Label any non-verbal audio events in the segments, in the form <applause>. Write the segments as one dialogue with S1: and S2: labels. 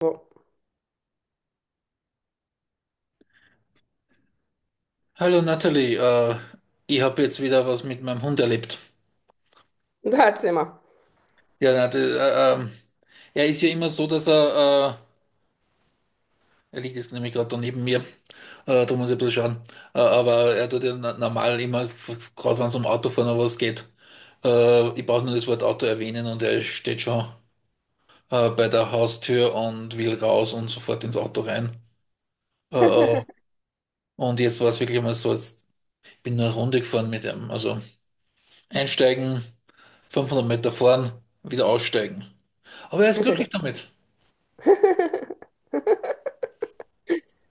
S1: So,
S2: Hallo Natalie, ich habe jetzt wieder was mit meinem Hund erlebt.
S1: erzähl mal.
S2: Ja, na, das, er ist ja immer so, dass er liegt jetzt nämlich gerade da neben mir, da muss ich ein bisschen schauen, aber er tut ja normal immer, gerade wenn es um Autofahren oder was geht, ich brauche nur das Wort Auto erwähnen und er steht schon bei der Haustür und will raus und sofort ins Auto rein. Äh, äh, und jetzt war es wirklich einmal so, jetzt bin ich nur eine Runde gefahren mit ihm, also einsteigen. 500 Meter fahren, wieder aussteigen. Aber er ist glücklich damit.
S1: <laughs>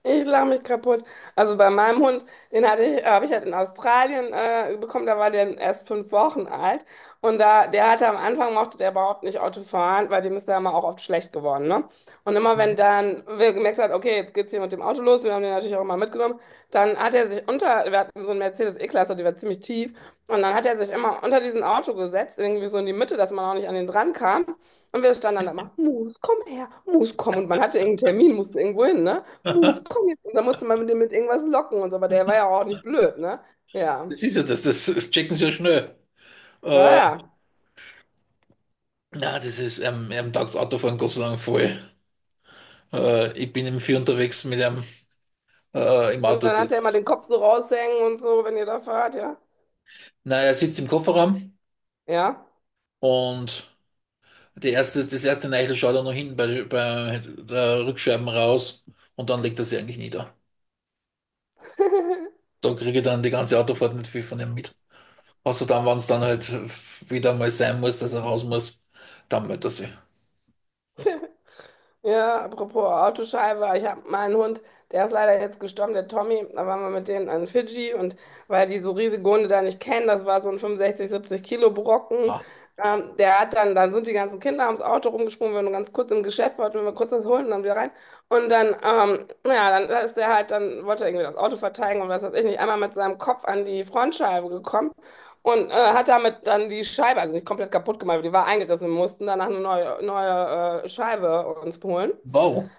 S1: Ich lache mich kaputt. Also bei meinem Hund, den hatte ich, habe ich halt in Australien bekommen, da war der erst 5 Wochen alt. Und da, der hatte am Anfang mochte der überhaupt nicht Auto fahren, weil dem ist da immer auch oft schlecht geworden, ne? Und immer wenn
S2: Mhm.
S1: dann wir gemerkt hat, okay, jetzt geht's hier mit dem Auto los, wir haben den natürlich auch immer mitgenommen, dann hat er sich unter, wir hatten so eine Mercedes E-Klasse, die war ziemlich tief, und dann hat er sich immer unter diesen Auto gesetzt, irgendwie so in die Mitte, dass man auch nicht an den dran kam. Und wir standen dann da immer, Mus, komm her, Mus, komm. Und man hatte irgendeinen Termin, musste irgendwo hin, ne? Mus, komm jetzt. Und dann musste man mit dem mit irgendwas locken und so, aber der war ja auch nicht blöd, ne? Ja.
S2: Das ist ja das checken sie ja schnell.
S1: Ja, ja.
S2: Na, das ist, er taugt Autofahren Gott sei Dank voll. Ich bin im Vier unterwegs mit einem im
S1: Und
S2: Auto.
S1: dann hat er immer
S2: Das,
S1: den Kopf so raushängen und so, wenn ihr da fahrt, ja.
S2: na, er sitzt im Kofferraum
S1: Ja.
S2: und das erste Neichel schaut er noch hinten bei der Rückscheiben raus und dann legt er sie eigentlich nieder. Da kriege ich dann die ganze Autofahrt nicht viel von ihm mit. Außer dann, wenn es dann halt wieder mal sein muss, dass er raus muss, dann meldet er sich.
S1: Ja, apropos Autoscheibe, ich habe meinen Hund, der ist leider jetzt gestorben, der Tommy, da waren wir mit denen an Fidschi und weil die so riesige Hunde da nicht kennen, das war so ein 65, 70 Kilo Brocken,
S2: Ah,
S1: der hat dann, dann sind die ganzen Kinder ums Auto rumgesprungen, wir waren nur ganz kurz im Geschäft, wollten wir kurz was holen und dann wieder rein und dann, ja, dann ist der halt, dann wollte er irgendwie das Auto verteidigen und was weiß ich nicht, einmal mit seinem Kopf an die Frontscheibe gekommen und hat damit dann die Scheibe, also nicht komplett kaputt gemacht, aber die war eingerissen. Wir mussten danach eine neue, neue Scheibe uns holen.
S2: wow.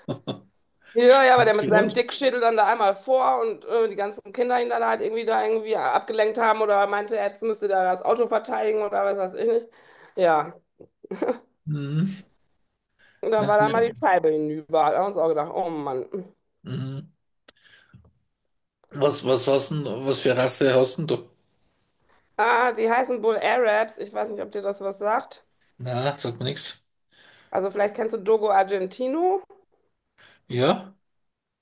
S1: Ja, ja, aber der mit seinem
S2: Grund?
S1: Dickschädel dann da einmal vor und die ganzen Kinder ihn dann halt irgendwie da irgendwie abgelenkt haben oder meinte, jetzt müsste da das Auto verteidigen oder was weiß ich nicht. Ja,
S2: Mhm.
S1: und da war
S2: Also,
S1: dann mal die Scheibe hinüber. Da haben wir uns auch gedacht, oh Mann.
S2: mhm. Was, was hast denn, was für Rasse hast denn du?
S1: Ah, die heißen Bull Arabs. Ich weiß nicht, ob dir das was sagt.
S2: Na, sagt mir nichts.
S1: Also vielleicht kennst du Dogo Argentino.
S2: Ja?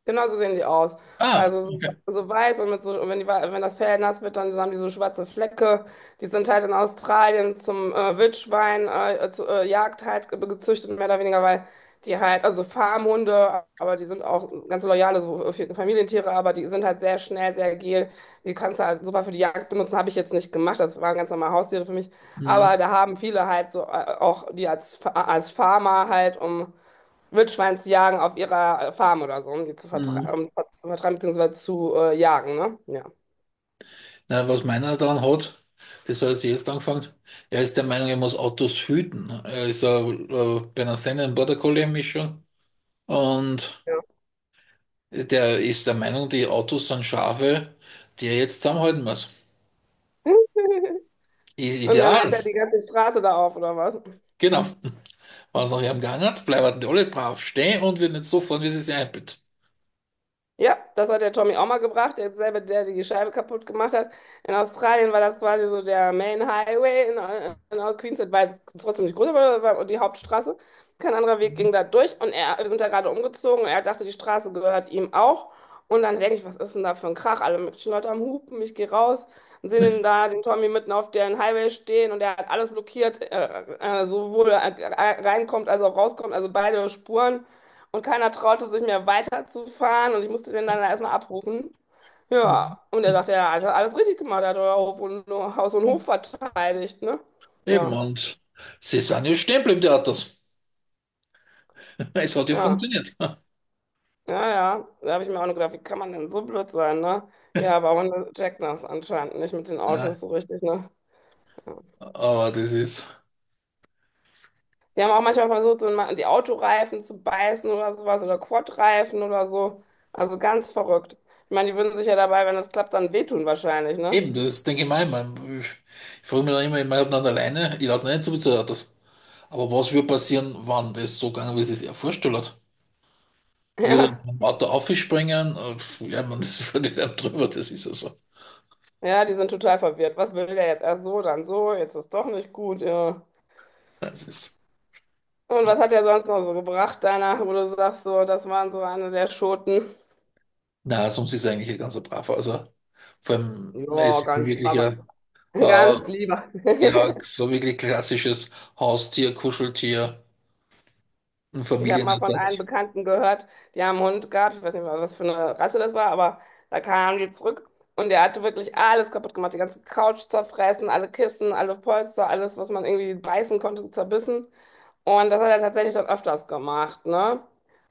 S1: Genau so sehen die aus.
S2: Ah,
S1: Also so,
S2: okay.
S1: so weiß und mit so, und wenn die, wenn das Fell nass wird, dann haben die so schwarze Flecke. Die sind halt in Australien zum Wildschwein, zu, Jagd halt gezüchtet, mehr oder weniger, weil die halt, also Farmhunde, aber die sind auch ganz loyale so, Familientiere, aber die sind halt sehr schnell, sehr agil. Die kannst du halt super für die Jagd benutzen, habe ich jetzt nicht gemacht, das waren ganz normale Haustiere für mich. Aber
S2: Mhm.
S1: da haben viele halt so auch die als, als Farmer halt, um Wildschwein zu jagen auf ihrer Farm oder so, um die zu
S2: Mhm.
S1: vertreiben, um, zu vertreiben beziehungsweise zu jagen, ne? Ja.
S2: Na, was meiner dann hat, das hat er jetzt angefangen. Er ist der Meinung, er muss Autos hüten. Er ist bei einer Sennen Border Collie Mischung und
S1: Ja.
S2: der ist der Meinung, die Autos sind Schafe, die er jetzt zusammenhalten muss.
S1: <laughs>
S2: I-
S1: Und dann
S2: Ideal,
S1: hält er die ganze Straße da auf, oder was?
S2: genau. Was es nach ihm Gang hat, bleiben die alle brav stehen und wir nicht so fahren, wie sie sich einbilden.
S1: Ja, das hat der Tommy auch mal gebracht, derselbe, der die Scheibe kaputt gemacht hat. In Australien war das quasi so der Main Highway in, Queensland, war jetzt trotzdem nicht groß, aber das war die Hauptstraße. Kein anderer Weg ging da durch und er, wir sind da gerade umgezogen und er dachte, die Straße gehört ihm auch. Und dann denke ich, was ist denn da für ein Krach? Alle möglichen Leute am Hupen, ich gehe raus und sehe den da, den Tommy mitten auf dem Highway stehen und er hat alles blockiert, sowohl reinkommt als auch rauskommt, also beide Spuren. Und keiner traute sich mehr weiterzufahren und ich musste den dann erstmal abrufen.
S2: Mhm.
S1: Ja, und er dachte, ja, hat alles richtig gemacht, er hat euer Hof und, Haus und
S2: Ja,
S1: Hof verteidigt, ne?
S2: eben,
S1: Ja,
S2: und sie sind ja stehen geblieben, die Autos. <laughs> Es hat ja
S1: ja,
S2: funktioniert. <laughs>
S1: ja, ja. Da habe ich mir auch nur gedacht, wie kann man denn so blöd sein, ne? Ja, aber man checkt das anscheinend nicht mit den
S2: Ja,
S1: Autos so richtig, ne? Ja.
S2: aber das ist
S1: Die haben auch manchmal versucht, so mal die Autoreifen zu beißen oder sowas oder Quadreifen oder so. Also ganz verrückt. Ich meine, die würden sich ja dabei, wenn das klappt, dann wehtun wahrscheinlich, ne?
S2: eben, das denke ich mir immer. Ich frage mich dann immer, ich meine, ob nicht alleine, ich lasse nicht so viel zu den Autos. Aber was würde passieren, wenn das so gegangen wäre, wie sie es sich er vorgestellt hat?
S1: <laughs>
S2: Würde
S1: Ja.
S2: ein Auto aufspringen? Ja, man <laughs> das fährt einem drüber, das ist ja so.
S1: Ja, die sind total verwirrt. Was will der jetzt? Erst so, dann so, jetzt ist doch nicht gut. Ja.
S2: Das ist,
S1: Und was hat er sonst noch so gebracht, deiner, wo du sagst, so, das waren so eine der Schoten?
S2: na, sonst ist er eigentlich ein ganzer Braver. Also, vor allem, er
S1: Ja,
S2: ist
S1: ganz
S2: wirklich
S1: braver,
S2: ein
S1: <laughs>
S2: äh,
S1: ganz lieber.
S2: ja,
S1: <laughs>
S2: so wirklich klassisches Haustier, Kuscheltier, ein
S1: Ich habe mal von einem
S2: Familienersatz.
S1: Bekannten gehört, die haben einen Hund gehabt, ich weiß nicht mal, was für eine Rasse das war, aber da kamen die zurück und der hatte wirklich alles kaputt gemacht, die ganze Couch zerfressen, alle Kissen, alle Polster, alles, was man irgendwie beißen konnte, zerbissen. Und das hat er tatsächlich dann öfters gemacht, ne?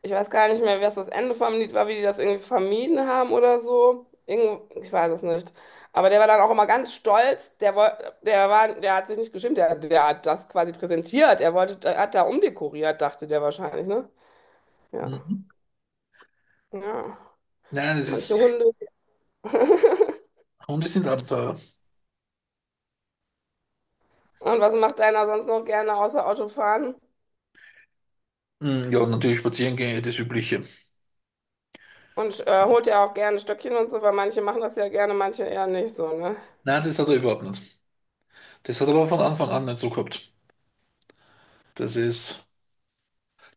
S1: Ich weiß gar nicht mehr, was das Ende vom Lied war, wie die das irgendwie vermieden haben oder so. Ich weiß es nicht. Aber der war dann auch immer ganz stolz. Der hat sich nicht geschämt. Der hat das quasi präsentiert. Er wollte, er hat da umdekoriert, dachte der wahrscheinlich, ne? Ja,
S2: Mhm.
S1: ja.
S2: Nein, das
S1: Manche
S2: ist,
S1: Hunde. <laughs>
S2: Hunde sind Abenteuer.
S1: Und was macht einer sonst noch gerne außer Autofahren?
S2: Mhm, ja, natürlich spazieren gehen, ja, das Übliche.
S1: Und holt ja auch gerne Stöckchen und so, weil manche machen das ja gerne, manche eher nicht so, ne?
S2: Nein, das hat er überhaupt nicht. Das hat er aber von Anfang an nicht so gehabt. Das ist,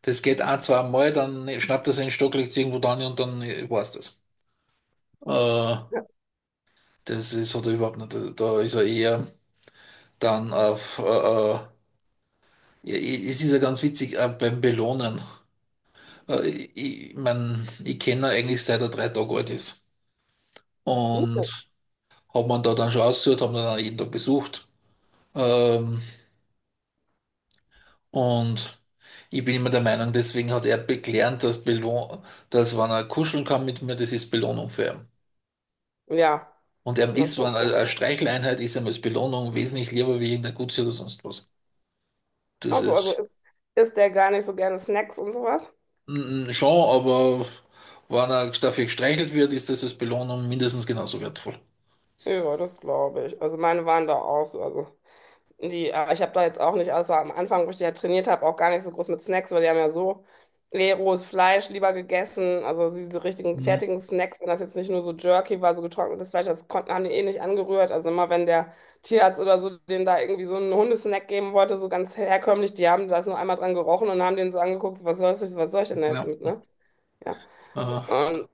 S2: das geht ein, zwei Mal, dann schnappt er seinen Stock, legt es irgendwo dran und dann war's das. Äh,
S1: Ja,
S2: Das ist, hat er überhaupt nicht. Da ist er eher dann auf, ja, es ist ja ganz witzig, beim Belohnen. Ich mein, ich kenne ihn eigentlich seit er 3 Tage alt ist. Und hab man da dann schon ausgesucht, haben ihn dann jeden Tag besucht. Ähm, und ich bin immer der Meinung, deswegen hat er gelernt, dass wenn er kuscheln kann mit mir, das ist Belohnung für ihn.
S1: ja,
S2: Und er
S1: das ist
S2: ist, wenn
S1: doch
S2: er
S1: gut.
S2: eine Streicheleinheit ist, ihm als Belohnung wesentlich lieber wie irgendein Gutsy oder sonst was. Das
S1: Also
S2: ist
S1: isst der gar nicht so gerne Snacks und sowas?
S2: schon, aber wenn er dafür gestreichelt wird, ist das als Belohnung mindestens genauso wertvoll.
S1: Ja, das glaube ich. Also meine waren da auch so. Also ich habe da jetzt auch nicht, außer am Anfang, wo ich die ja trainiert habe, auch gar nicht so groß mit Snacks, weil die haben ja so rohes Fleisch lieber gegessen. Also so diese richtigen
S2: Mhm,
S1: fertigen Snacks, wenn das jetzt nicht nur so Jerky war, so getrocknetes Fleisch, haben die eh nicht angerührt. Also immer wenn der Tierarzt oder so denen da irgendwie so einen Hundesnack geben wollte, so ganz herkömmlich, die haben das nur einmal dran gerochen und haben den so angeguckt, so, was soll ich denn da jetzt
S2: genau.
S1: mit, ne? Ja.
S2: Äh,
S1: Und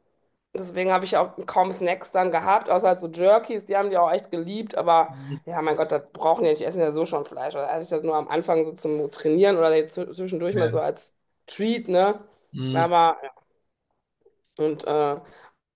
S1: deswegen habe ich auch kaum Snacks dann gehabt, außer halt so Jerkies, die haben die auch echt geliebt, aber
S2: mhm,
S1: ja, mein Gott, das brauchen die ja nicht, die essen ja so schon Fleisch. Also hatte ich das nur am Anfang so zum Trainieren oder jetzt zwischendurch mal so
S2: ja.
S1: als Treat, ne?
S2: Mhm.
S1: Aber, ja. Und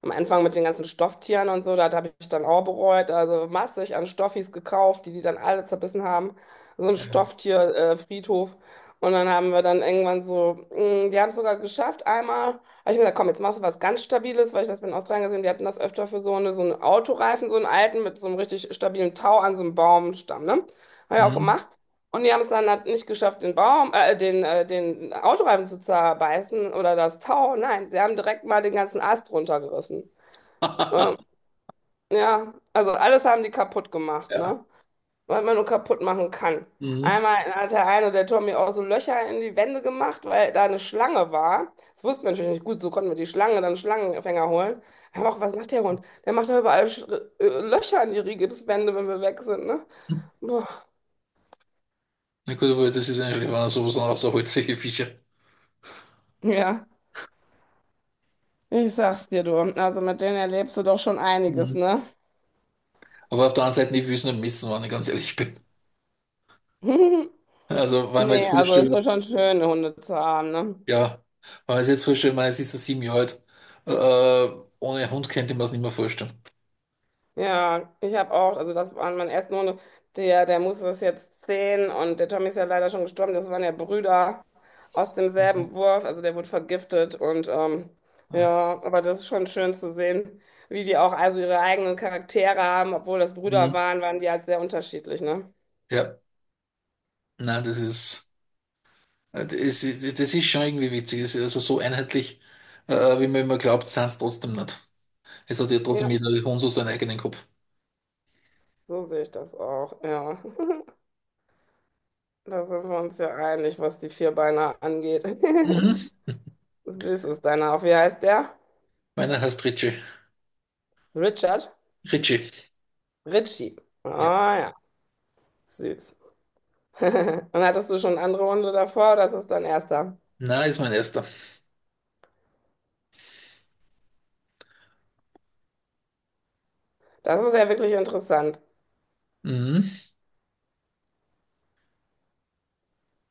S1: am Anfang mit den ganzen Stofftieren und so, das habe ich dann auch bereut. Also massig an Stoffis gekauft, die die dann alle zerbissen haben. So ein
S2: Ja.
S1: Stofftierfriedhof. Friedhof. Und dann haben wir dann irgendwann so, die haben es sogar geschafft. Einmal habe ich mir gedacht, komm, jetzt machst du was ganz Stabiles, weil ich das in Australien gesehen, die hatten das öfter für so, so einen Autoreifen, so einen alten mit so einem richtig stabilen Tau an so einem Baumstamm. Ne? Habe ich auch
S2: Mhm.
S1: gemacht. Und die haben es dann halt nicht geschafft, den Autoreifen zu zerbeißen oder das Tau. Nein, sie haben direkt mal den ganzen Ast runtergerissen. Ähm,
S2: <laughs>
S1: ja, also alles haben die kaputt gemacht,
S2: Ja.
S1: ne? Was man nur kaputt machen kann.
S2: Mhm.
S1: Einmal hat der eine, der Tommy, auch so Löcher in die Wände gemacht, weil da eine Schlange war. Das wussten wir natürlich nicht gut, so konnten wir die Schlange, dann Schlangenfänger holen. Aber auch, was macht der Hund? Der macht da überall Sch Löcher in die Rigipswände, wenn wir weg sind, ne? Boah.
S2: Na gut, aber das ist eigentlich, wenn er sowas noch rausholt, solche Fische.
S1: Ja, ich sag's dir, du. Also mit denen erlebst du doch schon einiges,
S2: Mhm.
S1: ne?
S2: Aber auf der anderen Seite, ich will es nicht missen, wenn ich ganz ehrlich bin.
S1: <laughs>
S2: Also, wenn man
S1: Nee,
S2: jetzt
S1: also es war
S2: vorstellt,
S1: schon schön, Hunde zu haben, ne?
S2: ja, wenn man es jetzt vorstellt, man, es ist ein 7 Jahre alt, ohne Hund könnte man es nicht mehr vorstellen.
S1: Ja, ich habe auch, also das waren meine ersten Hunde, der Musse ist jetzt 10 und der Tommy ist ja leider schon gestorben, das waren ja Brüder aus
S2: Mhm.
S1: demselben Wurf, also der wurde vergiftet und
S2: Ah.
S1: ja, aber das ist schon schön zu sehen, wie die auch also ihre eigenen Charaktere haben, obwohl das Brüder
S2: Mhm.
S1: waren, waren die halt sehr unterschiedlich, ne?
S2: Ja, nein, das ist schon irgendwie witzig. Das ist also so einheitlich, wie man immer glaubt, sind es trotzdem nicht. Es hat ja trotzdem
S1: Ja,
S2: jeder Hund so seinen eigenen Kopf.
S1: so sehe ich das auch, ja. <laughs> Da sind wir uns ja einig, was die Vierbeiner angeht.
S2: Mhm.
S1: <laughs> Süß ist deiner auch, wie heißt der?
S2: Meiner heißt Richie.
S1: Richard?
S2: Ritchie.
S1: Richie.
S2: Ja.
S1: Ah, ja. Süß. <laughs> Und hattest du schon andere Hunde davor oder ist es dein erster?
S2: Na, ist mein erster.
S1: Das ist ja wirklich interessant.
S2: Mhm.